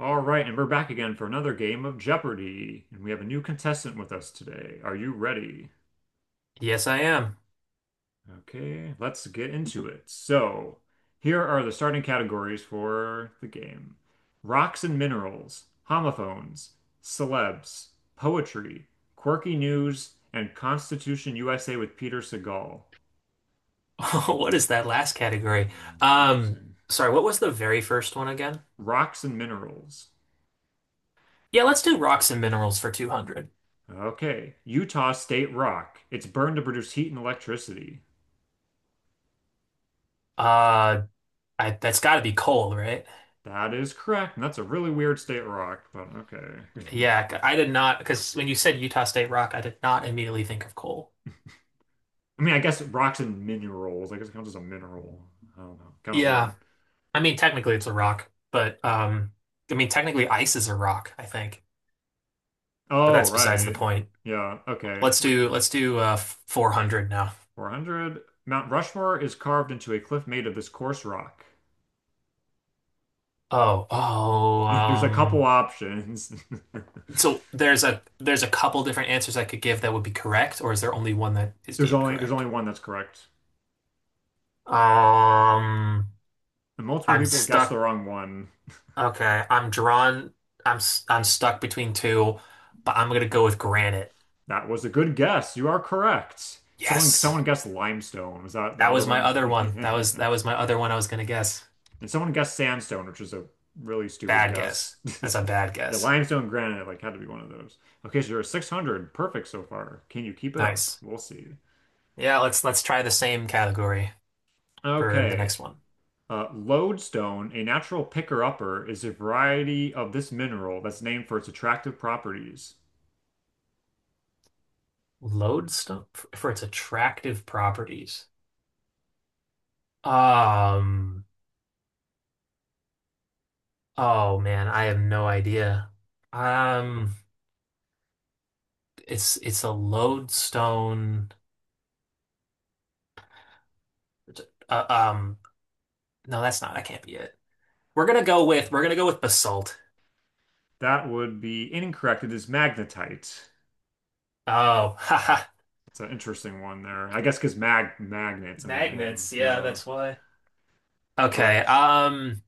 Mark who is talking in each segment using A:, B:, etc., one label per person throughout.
A: All right, and we're back again for another game of Jeopardy! And we have a new contestant with us today. Are you ready?
B: Yes, I am.
A: Okay, let's get into it. So, here are the starting categories for the game. Rocks and minerals, homophones, celebs, poetry, quirky news, and Constitution USA with Peter Segal.
B: What is that last category?
A: Hmm,
B: Um,
A: interesting.
B: sorry, what was the very first one again?
A: Rocks and minerals.
B: Yeah, let's do rocks and minerals for 200.
A: Okay, Utah State rock. It's burned to produce heat and electricity.
B: Uh, that's got to be coal, right?
A: That is correct. And that's a really weird state rock, but okay.
B: Yeah, I did not, because when you said Utah State rock, I did not immediately think of coal.
A: I mean, I guess rocks and minerals. I guess it counts as a mineral. I don't know. Kind of
B: Yeah,
A: weird.
B: I mean, technically it's a rock, but I mean, technically ice is a rock, I think, but
A: Oh,
B: that's besides the
A: right.
B: point.
A: Yeah, okay.
B: Let's
A: Which
B: do let's do uh 400 now.
A: 400? Mount Rushmore is carved into a cliff made of this coarse rock.
B: Oh, oh,
A: There's a couple
B: um.
A: options.
B: So there's a couple different answers I could give that would be correct, or is there only one that is
A: There's
B: deemed
A: only there's only
B: correct?
A: one that's correct.
B: Um,
A: And multiple
B: I'm
A: people guessed the
B: stuck.
A: wrong one.
B: Okay, I'm drawn. I'm stuck between two, but I'm gonna go with granite.
A: That was a good guess. You are correct. Someone
B: Yes,
A: someone guessed limestone. Was that the
B: that
A: other
B: was my
A: one?
B: other one. That was that was my other one I was gonna guess.
A: And someone guessed sandstone, which is a really stupid
B: Bad
A: guess.
B: guess. That's a bad
A: Yeah,
B: guess.
A: limestone, granite, like had to be one of those. Okay, so you're at 600. Perfect so far. Can you keep it up?
B: Nice.
A: We'll see.
B: Yeah, let's try the same category for the
A: Okay.
B: next one.
A: Lodestone, a natural picker-upper, is a variety of this mineral that's named for its attractive properties.
B: Lodestone for its attractive properties. Um. Oh man, I have no idea. Um, it's a lodestone. Uh, um, no, that's not. That can't be it. We're gonna go with basalt.
A: That would be incorrect. It is magnetite.
B: Oh, haha,
A: It's an interesting one there. I guess because magnets in the name.
B: magnets. Yeah,
A: Yeah.
B: that's why.
A: All right.
B: Okay.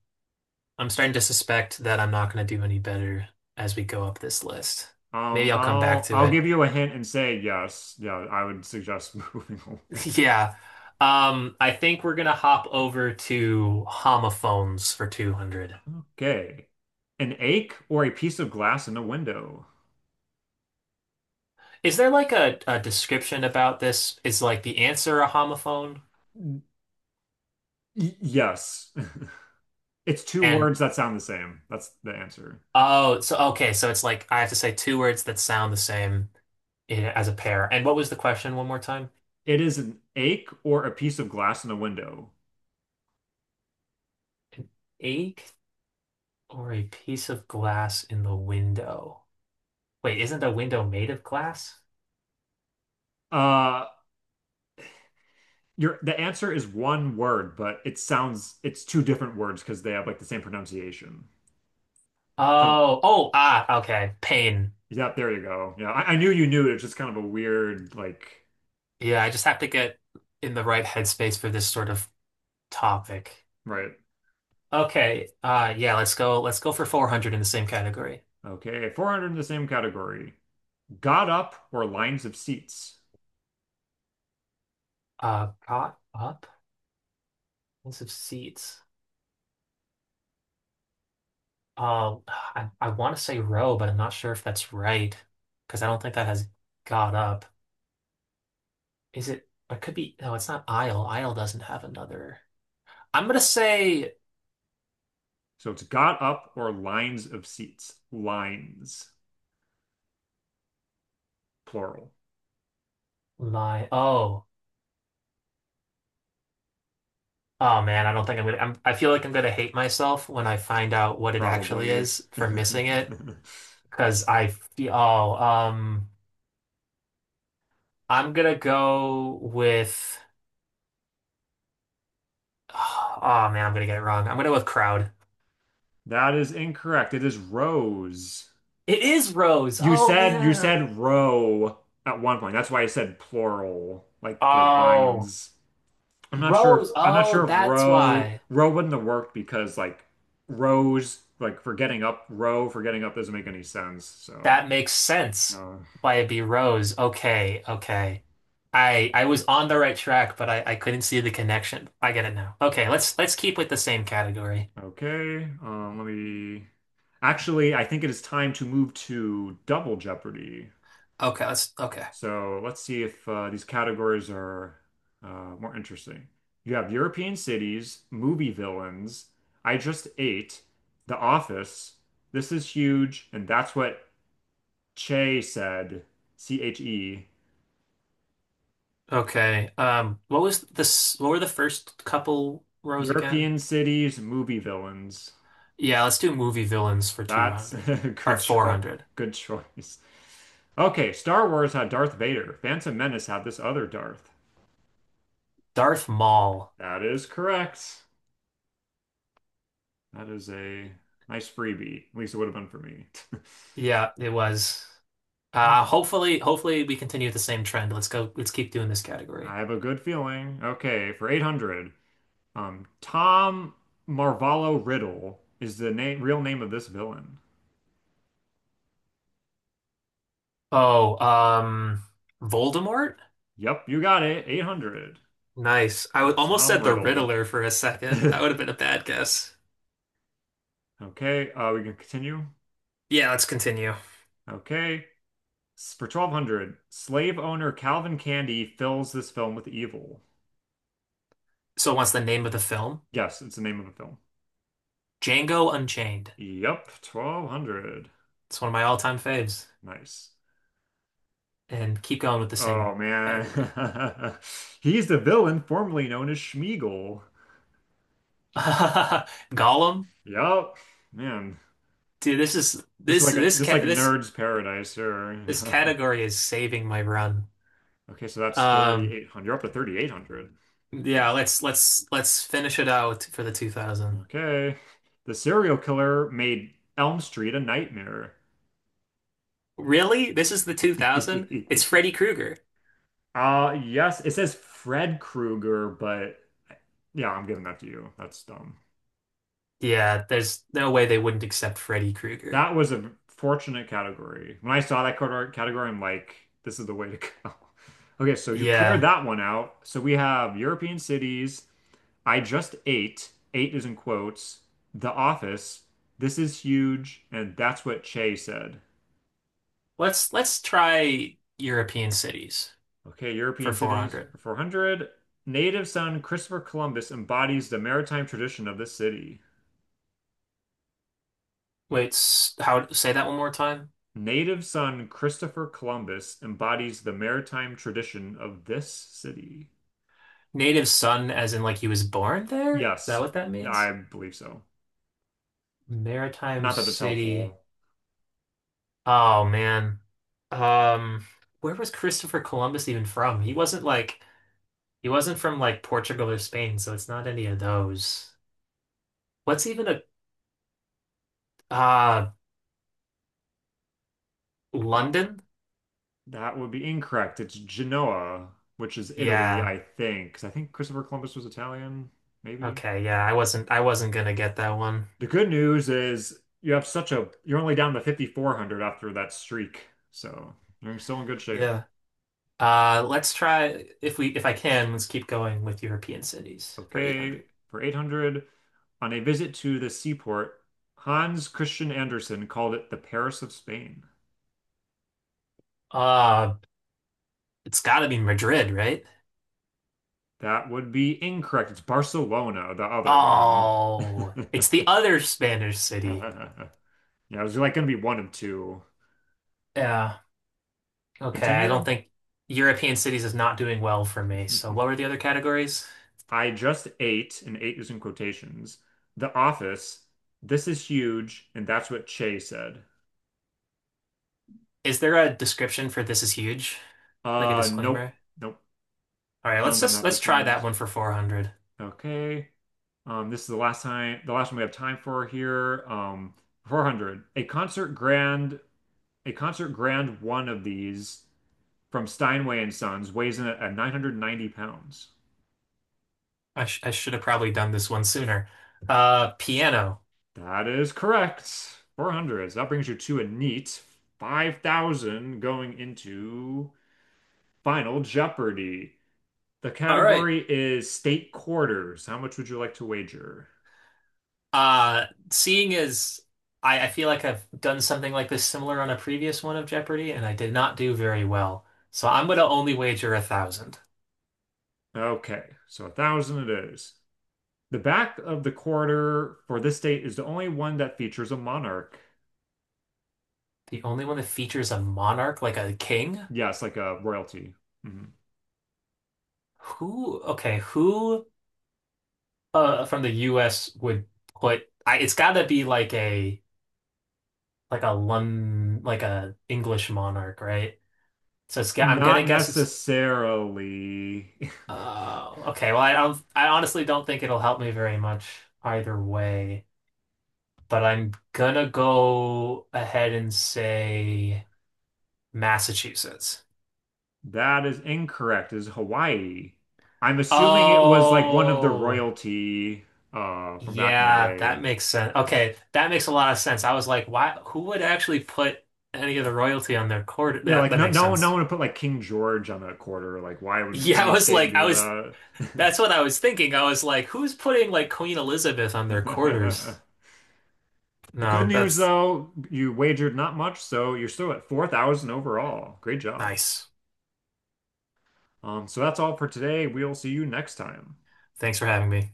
B: I'm
A: So,
B: starting to suspect that I'm not gonna do any better as we go up this list. Maybe I'll come back
A: I'll
B: to
A: I'll
B: it.
A: give you a hint and say yes. Yeah, I would suggest moving away.
B: Yeah. I think we're gonna hop over to homophones for 200.
A: Okay. An ache or a piece of glass in a window?
B: Is there like a description about this? Is like the answer a homophone?
A: Y- yes. It's two
B: And
A: words that sound the same. That's the answer.
B: oh, so okay, so it's like I have to say two words that sound the same in, as a pair. And what was the question one more time?
A: It is an ache or a piece of glass in a window.
B: Ache or a piece of glass in the window? Wait, isn't a window made of glass?
A: Uh, your the answer is one word, but it sounds it's two different words because they have like the same pronunciation. So,
B: Oh, oh, ah, okay. Pain.
A: yeah, there you go. Yeah, I knew you knew it. It's just kind of a weird like
B: Yeah, I just have to get in the right headspace for this sort of topic.
A: right.
B: Okay, yeah, let's go for 400 in the same category.
A: Okay, 400 in the same category. Got up or lines of seats.
B: Caught up. Expensive seats. I want to say row, but I'm not sure if that's right because I don't think that has got up. Is it? It could be. No, it's not aisle. Aisle doesn't have another. I'm gonna say
A: So it's got up or lines of seats. Lines, plural,
B: my. Oh, oh man, I don't think I'm gonna. I feel like I'm gonna hate myself when I find out what it actually
A: probably.
B: is for missing it because I feel. Oh, I'm gonna go with. Oh man, I'm gonna get it wrong. I'm gonna go with crowd.
A: That is incorrect. It is rows.
B: It is rows.
A: You
B: Oh
A: said you
B: man.
A: said row at one point. That's why I said plural, like for
B: Oh.
A: lines. I'm not sure if
B: Rose.
A: I'm not
B: Oh,
A: sure if
B: that's
A: row
B: why.
A: row wouldn't have worked because like rows like for getting up row for getting up doesn't make any sense. So
B: That makes sense.
A: uh,
B: Why it'd be Rose. Okay, okay. I was on the right track, but I couldn't see the connection. I get it now. Okay, let's keep with the same category.
A: okay. Let me. Actually, I think it is time to move to Double Jeopardy.
B: Okay, let's okay.
A: So let's see if these categories are more interesting. You have European cities, movie villains, I Just Ate, The Office, This Is Huge, and That's What Che said, C-H-E.
B: Okay. What was this? What were the first couple rows again?
A: European cities, movie villains.
B: Yeah, let's do movie villains for
A: That's
B: 200
A: a
B: or
A: good choice.
B: 400.
A: Good choice. Okay, Star Wars had Darth Vader. Phantom Menace had this other Darth.
B: Darth Maul.
A: That is correct. That is a nice freebie. At least it would have been for me.
B: Yeah, it was.
A: All right.
B: Hopefully we continue the same trend. Let's go. Let's keep doing this
A: I
B: category.
A: have a good feeling. Okay, for 800, Tom Marvallo Riddle is the name, real name of this villain.
B: Oh, Voldemort?
A: Yep, you got it. 800.
B: Nice. I
A: Yep,
B: would almost
A: Tom
B: said the
A: Riddle.
B: Riddler for a second. That would have been a bad guess.
A: Okay, we can continue.
B: Yeah, let's continue.
A: Okay. For 1200, slave owner Calvin Candy fills this film with evil.
B: So, what's the name of the film?
A: Yes, it's the name of a film.
B: Django Unchained.
A: Yep, 1200.
B: It's one of my all-time faves.
A: Nice.
B: And keep going with the same
A: Oh man.
B: category.
A: He's the villain formerly known as Schmeagol.
B: Gollum?
A: Yep. Man,
B: Dude, this is this this
A: this is like
B: cat this
A: nerd's paradise here.
B: this category is saving my run.
A: Okay, so that's
B: Um,
A: 3800. You're up to 3800.
B: yeah,
A: Nice.
B: let's finish it out for the 2000.
A: Okay. The serial killer made Elm Street a nightmare.
B: Really? This is the 2000? It's Freddy Krueger.
A: Yes, it says Fred Krueger, but yeah, I'm giving that to you. That's dumb.
B: Yeah, there's no way they wouldn't accept Freddy Krueger.
A: That was a fortunate category. When I saw that category, I'm like, this is the way to go. Okay, so you cleared
B: Yeah.
A: that one out. So we have European cities. I just ate. Eight is in quotes. The Office. This is huge, and that's what Che said.
B: Let's try European cities
A: Okay,
B: for
A: European cities
B: 400.
A: for 400. Native son Christopher Columbus embodies the maritime tradition of this city.
B: Wait, how say that one more time?
A: Native son Christopher Columbus embodies the maritime tradition of this city.
B: Native son as in like he was born there? Is that
A: Yes,
B: what that means?
A: I believe so.
B: Maritime
A: Not that that's
B: city.
A: helpful.
B: Oh man. Um where was Christopher Columbus even from? He wasn't from like Portugal or Spain, so it's not any of those. What's even a uh
A: Uh,
B: London?
A: that would be incorrect. It's Genoa, which is Italy,
B: Yeah.
A: I think. 'Cause I think Christopher Columbus was Italian, maybe.
B: Okay, yeah, I wasn't gonna get that one.
A: The good news is you have such a, you're only down to 5,400 after that streak. So you're still in good shape.
B: Yeah. Let's try if I can, let's keep going with European cities for
A: Okay,
B: 800.
A: for 800, on a visit to the seaport, Hans Christian Andersen called it the Paris of Spain.
B: Uh, it's gotta be Madrid, right?
A: That would be incorrect. It's Barcelona, the other one.
B: Oh, it's the other Spanish city.
A: Yeah, it was like going to be one of two.
B: Yeah. Okay, I don't
A: Continue.
B: think European cities is not doing well for me. So what were the other categories?
A: I just ate, and ate is in quotations, The Office. This is huge, and that's what Che said.
B: Is there a description for this is huge? Like a
A: Nope,
B: disclaimer?
A: nope.
B: All right,
A: None of them have
B: let's try that
A: disclaimers.
B: one for 400.
A: Okay. This is the last time, the last one we have time for here. 400. A concert grand one of these from Steinway and Sons weighs in at 990 pounds.
B: I should have probably done this one sooner. Piano.
A: That is correct. 400. So that brings you to a neat 5,000 going into Final Jeopardy. The
B: All right.
A: category is state quarters. How much would you like to wager?
B: Seeing as I feel like I've done something like this similar on a previous one of Jeopardy, and I did not do very well. So I'm gonna only wager 1,000.
A: Okay, so 1,000 it is. The back of the quarter for this state is the only one that features a monarch.
B: The only one that features a monarch like a king?
A: Yes, like a royalty. Mhm.
B: Who, okay, who from the US would put I it's gotta be like a Lon like a English monarch, right? So it's, I'm gonna
A: Not
B: guess it's
A: necessarily.
B: uh okay, well I don't, I honestly don't think it'll help me very much either way. But I'm gonna go ahead and say Massachusetts.
A: That is incorrect. Is Hawaii. I'm assuming it was like one of the
B: Oh,
A: royalty from back in the
B: yeah,
A: day.
B: that makes sense. Okay, that makes a lot of sense. I was like, why, who would actually put any of the royalty on their court?
A: Yeah,
B: That
A: like
B: that
A: no
B: makes
A: no one no
B: sense.
A: one would put like King George on that quarter. Like why would
B: Yeah, I
A: any
B: was
A: state
B: like,
A: do that?
B: that's what I was thinking. I was like, who's putting like Queen Elizabeth on their quarters?
A: The good
B: No,
A: news
B: that's
A: though, you wagered not much, so you're still at 4,000 overall. Great job.
B: nice.
A: So that's all for today. We'll see you next time.
B: Thanks for having me.